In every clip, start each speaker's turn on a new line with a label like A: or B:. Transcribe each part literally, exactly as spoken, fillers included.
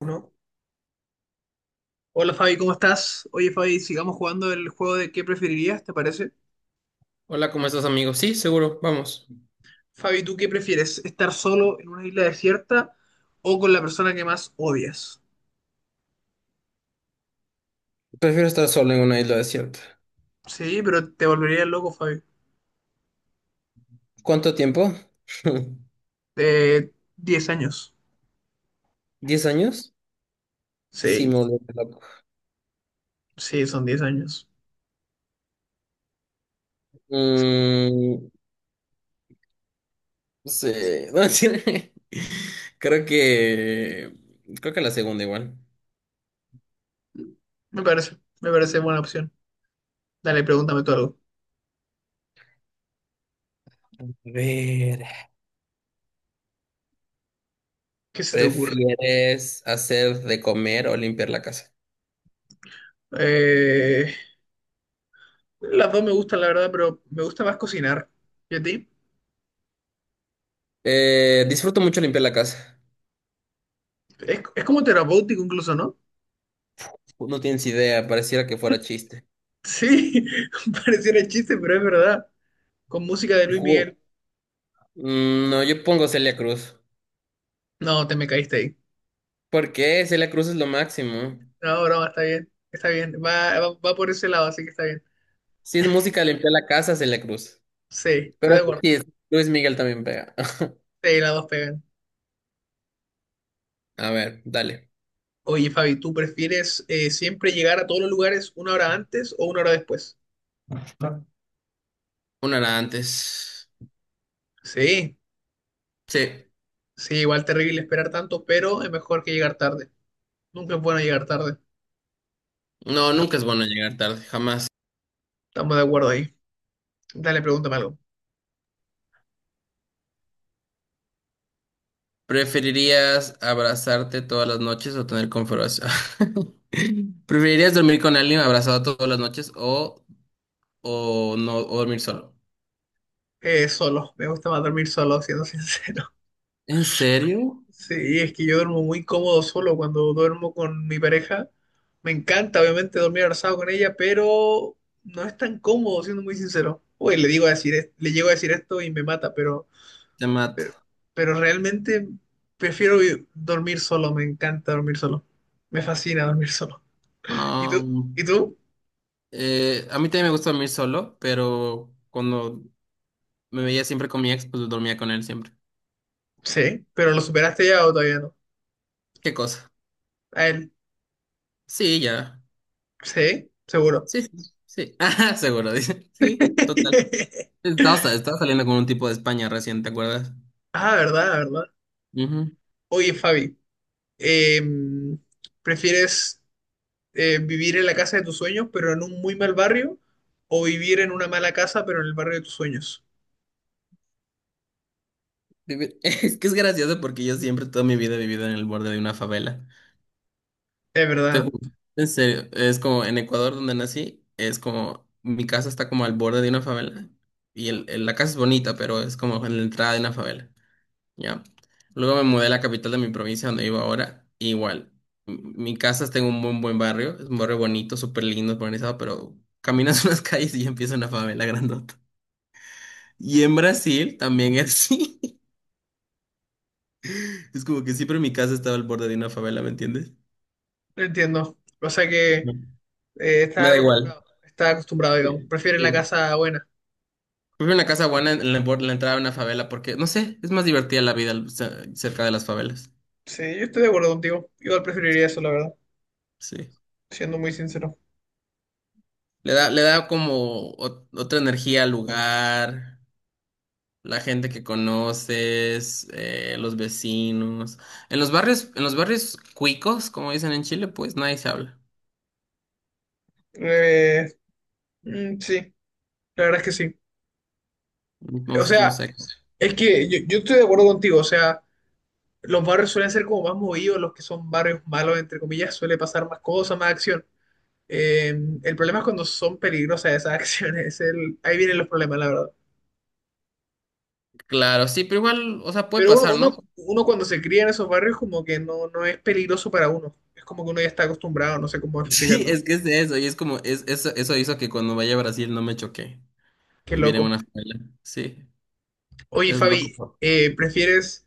A: Uno. Hola Fabi, ¿cómo estás? Oye Fabi, sigamos jugando el juego de qué preferirías, ¿te parece?
B: Hola, ¿cómo estás, amigo? Sí, seguro, vamos.
A: Fabi, ¿tú qué prefieres? ¿Estar solo en una isla desierta o con la persona que más odias?
B: Prefiero estar solo en una isla desierta.
A: Sí, pero te volverías loco, Fabi.
B: ¿Cuánto tiempo?
A: De diez años.
B: ¿Diez años? Sí,
A: Sí,
B: me volví loco.
A: sí, son diez años. Sí.
B: Mm, sí. No, sí. Creo que... Creo que la segunda igual.
A: Me parece, me parece buena opción. Dale, pregúntame tú algo.
B: A ver,
A: ¿Qué se te ocurre?
B: ¿prefieres hacer de comer o limpiar la casa?
A: Eh, las dos me gustan, la verdad, pero me gusta más cocinar. ¿Y a ti?
B: Eh, disfruto mucho limpiar la casa.
A: Es, es como terapéutico incluso, ¿no?
B: No tienes idea, pareciera que fuera chiste.
A: Sí, pareciera chiste, pero es verdad. Con música de Luis
B: Ju-
A: Miguel.
B: Mm, no, yo pongo Celia Cruz.
A: No, te me caíste ahí.
B: ¿Por qué? Celia Cruz es lo máximo.
A: No, no, está bien. Está bien. Va, va, va por ese lado, así que está bien.
B: Si es música, limpia la casa, se le cruza.
A: Sí, estoy
B: Pero
A: de acuerdo.
B: sí, es- Luis Miguel también pega.
A: Sí, las dos pegan.
B: A ver, dale.
A: Oye, Fabi, ¿tú prefieres eh, siempre llegar a todos los lugares una hora antes o una hora después?
B: Una era antes.
A: Sí,
B: Sí.
A: sí, igual terrible esperar tanto, pero es mejor que llegar tarde. Nunca es bueno llegar tarde.
B: No, nunca es bueno llegar tarde, jamás.
A: Estamos de acuerdo ahí. Dale, pregúntame algo.
B: ¿Preferirías abrazarte todas las noches o tener conversación? ¿Preferirías dormir con alguien abrazado todas las noches o, o no o dormir solo?
A: Eh, solo, me gusta más dormir solo, siendo sincero.
B: ¿En serio?
A: Sí, es que yo duermo muy cómodo solo cuando duermo con mi pareja. Me encanta, obviamente, dormir abrazado con ella, pero no es tan cómodo, siendo muy sincero. Uy, le digo a decir, es- le llego a decir esto y me mata, pero,
B: Te mata.
A: pe- pero realmente prefiero vi- dormir solo, me encanta dormir solo. Me fascina dormir solo. ¿Y tú?
B: Um,
A: ¿Y tú?
B: eh, a mí también me gusta dormir solo, pero cuando me veía siempre con mi ex, pues dormía con él siempre.
A: Sí, pero ¿lo superaste ya o todavía no?
B: ¿Qué cosa?
A: A él,
B: Sí, ya.
A: sí, seguro.
B: Sí, sí, sí. Ajá, seguro, dice. Sí, total. Estaba, estaba saliendo con un tipo de España recién, ¿te acuerdas?
A: Ah, verdad, verdad.
B: Ujú.
A: Oye, Fabi, em, ¿prefieres eh, vivir en la casa de tus sueños, pero en un muy mal barrio, o vivir en una mala casa, pero en el barrio de tus sueños?
B: Vivi- Es que es gracioso porque yo siempre toda mi vida he vivido en el borde de una favela.
A: Es
B: Te
A: verdad,
B: juro. En serio, es como en Ecuador donde nací, es como mi casa está como al borde de una favela y el, el- la casa es bonita, pero es como en la entrada de una favela. Ya. Luego me mudé a la capital de mi provincia donde vivo ahora. Igual. m- Mi casa está en un buen, buen barrio. Es un barrio bonito, súper lindo, organizado, pero caminas unas calles y ya empieza una favela grandota. Y en Brasil también es así. Es como que siempre mi casa estaba al borde de una favela, ¿me entiendes?
A: ¿eh? Entiendo. O sea que
B: Ujú.
A: eh,
B: Me
A: estás
B: da igual.
A: acostumbrado, estás acostumbrado, digamos.
B: Sí,
A: Prefieres la
B: sí.
A: casa buena.
B: Prefiero una casa buena en la, bor- en la entrada de una favela porque, no sé, es más divertida la vida al- ce- cerca de las favelas.
A: Sí, yo estoy de acuerdo contigo. Igual preferiría eso, la verdad,
B: Sí.
A: siendo muy sincero.
B: Le da, le da como ot- otra energía al lugar. La gente que conoces, eh, los vecinos. En los barrios, en los barrios cuicos, como dicen en Chile, pues nadie se habla.
A: Eh, mm, sí, la verdad es que sí. O
B: Entonces, no
A: sea,
B: sé.
A: es que yo, yo estoy de acuerdo contigo, o sea, los barrios suelen ser como más movidos, los que son barrios malos, entre comillas, suele pasar más cosas, más acción. Eh, el problema es cuando son peligrosas esas acciones. Es el- ahí vienen los problemas, la verdad.
B: Claro, sí, pero igual, o sea, puede
A: Pero uno,
B: pasar, ¿no?
A: uno, uno cuando se cría en esos barrios como que no, no es peligroso para uno. Es como que uno ya está acostumbrado, no sé cómo
B: Sí,
A: explicarlo.
B: es que es de eso, y es como, es, eso, eso hizo que cuando vaya a Brasil no me choqué.
A: Qué
B: Vivir en
A: loco.
B: una favela. Sí,
A: Oye,
B: es loco,
A: Fabi,
B: po.
A: eh, ¿prefieres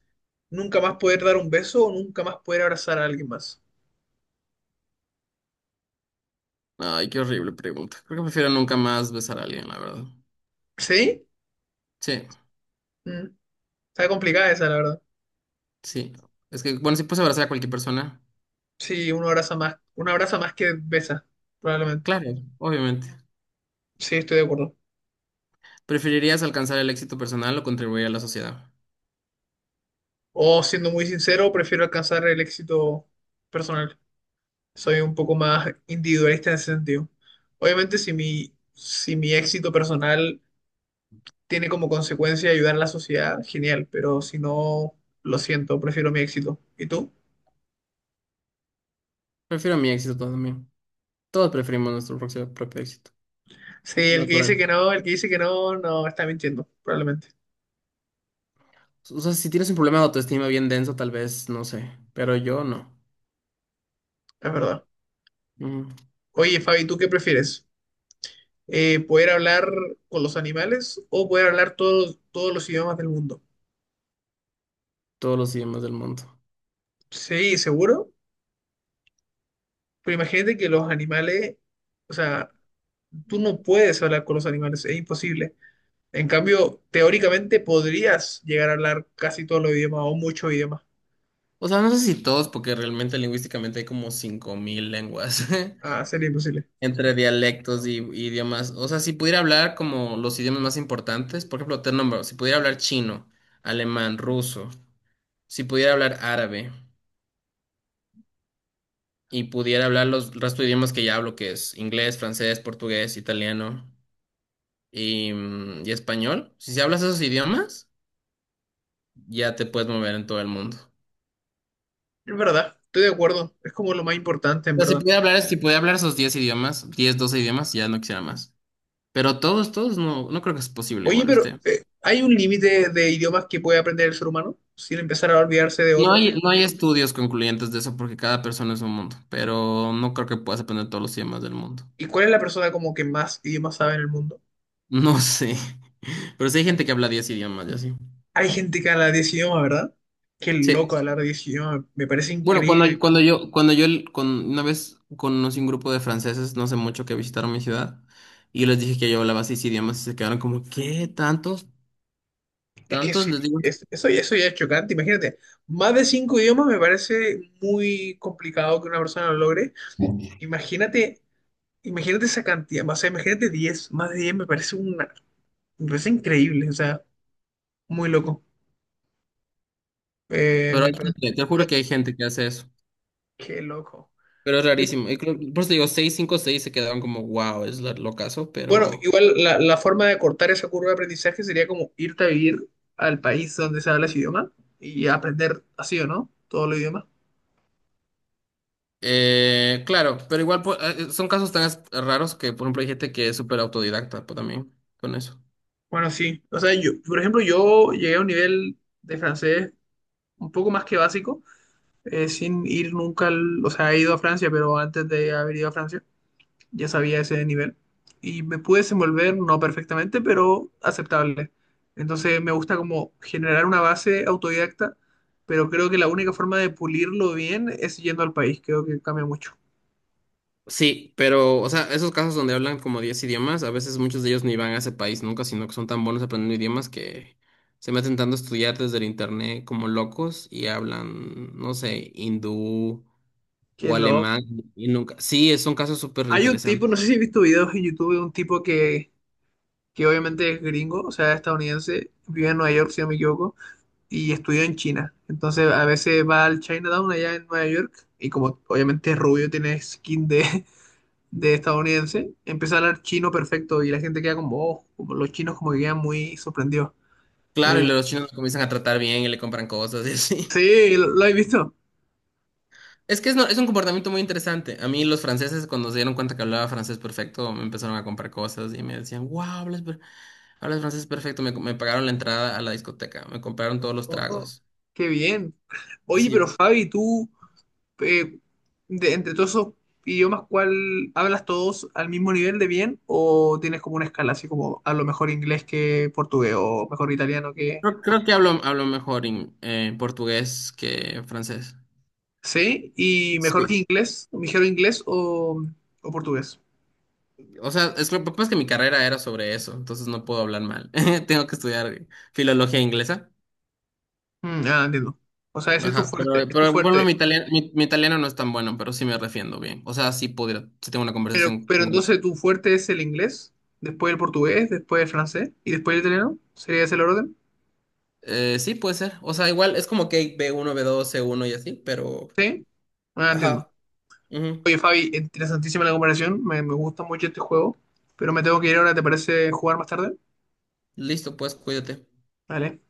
A: nunca más poder dar un beso o nunca más poder abrazar a alguien más?
B: Ay, qué horrible pregunta. Creo que prefiero nunca más besar a alguien, la verdad.
A: ¿Sí?
B: Sí,
A: Mm, está complicada esa, la verdad.
B: sí. Es que, bueno, si puedes abrazar a cualquier persona,
A: Sí, uno abraza más, uno abraza más que besa, probablemente.
B: claro, obviamente.
A: Sí, estoy de acuerdo.
B: ¿Preferirías alcanzar el éxito personal o contribuir a la sociedad?
A: O siendo muy sincero, prefiero alcanzar el éxito personal. Soy un poco más individualista en ese sentido. Obviamente, si mi, si mi éxito personal tiene como consecuencia ayudar a la sociedad, genial, pero si no, lo siento, prefiero mi éxito. ¿Y tú?
B: Prefiero mi éxito también. Todos preferimos nuestro propio, propio éxito.
A: Sí,
B: Es
A: el que dice
B: natural.
A: que no, el que dice que no, no, está mintiendo, probablemente.
B: O sea, si tienes un problema de autoestima bien denso, tal vez, no sé. Pero yo no.
A: Es verdad.
B: Mm,
A: Oye, Fabi, ¿tú qué prefieres? Eh, ¿poder hablar con los animales o poder hablar todos, todos los idiomas del mundo?
B: Todos los idiomas del mundo.
A: Sí, seguro. Pero imagínate que los animales, o sea, tú no puedes hablar con los animales, es imposible. En cambio, teóricamente podrías llegar a hablar casi todos los idiomas o muchos idiomas.
B: O sea, no sé si todos, porque realmente lingüísticamente hay como cinco mil lenguas
A: Ah, sería imposible.
B: entre dialectos y, y idiomas. O sea, si pudiera hablar como los idiomas más importantes, por ejemplo, te nombro, si pudiera hablar chino, alemán, ruso, si pudiera hablar árabe, y pudiera hablar los el resto de idiomas que ya hablo, que es inglés, francés, portugués, italiano y, mm, y español. Si se hablas esos idiomas, ya te puedes mover en todo el mundo.
A: Es verdad, estoy de acuerdo. Es como lo más importante,
B: O
A: en
B: sea, si
A: verdad.
B: pudiera hablar, si pudiera hablar esos diez idiomas, diez doce idiomas, ya no quisiera más. Pero todos, todos no, no creo que es posible
A: Oye,
B: igual,
A: pero
B: ¿viste?
A: eh, ¿hay un límite de idiomas que puede aprender el ser humano sin empezar a olvidarse de
B: No
A: otros,
B: hay,
A: digamos?
B: no hay estudios concluyentes de eso porque cada persona es un mundo, pero no creo que puedas aprender todos los idiomas del mundo.
A: ¿Y cuál es la persona como que más idiomas sabe en el mundo?
B: No sé. Pero sí hay gente que habla diez idiomas y así.
A: Hay gente que habla diez idiomas, ¿verdad? Qué
B: Sí.
A: loco hablar diez idiomas. Me parece
B: Bueno, cuando, yo-
A: increíble.
B: cuando yo, cuando yo el- con, una vez conocí un grupo de franceses, no sé mucho, que visitaron mi ciudad, y les dije que yo hablaba seis idiomas y se quedaron como, ¿qué? ¿Tantos?
A: Es que
B: ¿Tantos?
A: sí,
B: Les digo,
A: es- eso, ya- eso ya es chocante. Imagínate, más de cinco idiomas me parece muy complicado que una persona lo logre. Imagínate, imagínate esa cantidad, o sea, imagínate diez, más de diez me parece una, me parece increíble, o sea, muy loco. Eh,
B: pero hay
A: me parece,
B: gente, te
A: no
B: juro
A: lo-
B: que hay gente que hace eso,
A: Qué loco.
B: pero es rarísimo. Y creo- por eso digo, seis, cinco, seis se quedaron como, wow, es la- lo caso,
A: Bueno,
B: pero.
A: igual la, la forma de cortar esa curva de aprendizaje sería como irte a vivir al país donde se habla ese idioma y aprender así o no, todo el idioma.
B: Eh, claro, pero igual pues, eh, son casos tan as- raros que, por ejemplo, hay gente que es súper autodidacta pues, también con eso.
A: Bueno, sí, o sea, yo, por ejemplo, yo llegué a un nivel de francés un poco más que básico, eh, sin ir nunca, al- o sea, he ido a Francia, pero antes de haber ido a Francia ya sabía ese nivel y me pude desenvolver, no perfectamente, pero aceptable. Entonces me gusta como generar una base autodidacta, pero creo que la única forma de pulirlo bien es yendo al país, creo que cambia mucho.
B: Sí, pero, o sea, esos casos donde hablan como diez idiomas, a veces muchos de ellos ni van a ese país nunca, sino que son tan buenos aprendiendo idiomas que se meten tanto a estudiar desde el internet como locos y hablan, no sé, hindú
A: Que
B: o
A: lo...
B: alemán y nunca. Sí, es un caso súper
A: Hay un tipo,
B: interesante.
A: no sé si has visto videos en YouTube de un tipo que, que obviamente es gringo, o sea, estadounidense, vive en Nueva York, si no me equivoco, y estudió en China. Entonces a veces va al Chinatown allá en Nueva York y como obviamente es rubio, tiene skin de, de estadounidense, empieza a hablar chino perfecto y la gente queda como, oh, como los chinos como que quedan muy sorprendidos.
B: Claro, y
A: Eh,
B: los chinos lo comienzan a tratar bien y le compran cosas y así.
A: sí, lo, lo he visto.
B: Es que es, no- es un comportamiento muy interesante. A mí los franceses, cuando se dieron cuenta que hablaba francés perfecto, me empezaron a comprar cosas y me decían, wow, hablas, per- hablas francés perfecto. Me, me pagaron la entrada a la discoteca, me compraron todos los
A: Oh,
B: tragos.
A: qué bien. Oye, pero
B: Sí,
A: Fabi, tú, eh, de, entre todos esos idiomas, ¿cuál hablas todos al mismo nivel de bien o tienes como una escala así como a lo mejor inglés que portugués o mejor italiano que...?
B: creo, creo que hablo, hablo mejor en eh, portugués que francés.
A: Sí, y mejor
B: Sí.
A: que inglés, mejor inglés o, o portugués.
B: O sea, es que lo que pasa es que mi carrera era sobre eso, entonces no puedo hablar mal. Tengo que estudiar filología inglesa.
A: Mm, ah, entiendo. O sea, ese es tu
B: Ajá, pero,
A: fuerte, es tu
B: pero por ejemplo,
A: fuerte.
B: mi italiano, mi, mi italiano no es tan bueno, pero sí me refiendo bien. O sea, sí pudiera, sí tengo una
A: Pero,
B: conversación
A: pero
B: con.
A: entonces tu fuerte es el inglés, después el portugués, después el francés y después el italiano. ¿Sería ese el orden?
B: Eh, sí, puede ser. O sea, igual es como que hay B uno, B dos, C uno y así, pero.
A: Sí. Ah, entiendo.
B: Ajá. Ujú.
A: Oye, Fabi, interesantísima la comparación. Me, me gusta mucho este juego. Pero me tengo que ir ahora, ¿te parece jugar más tarde?
B: Listo, pues cuídate.
A: Vale.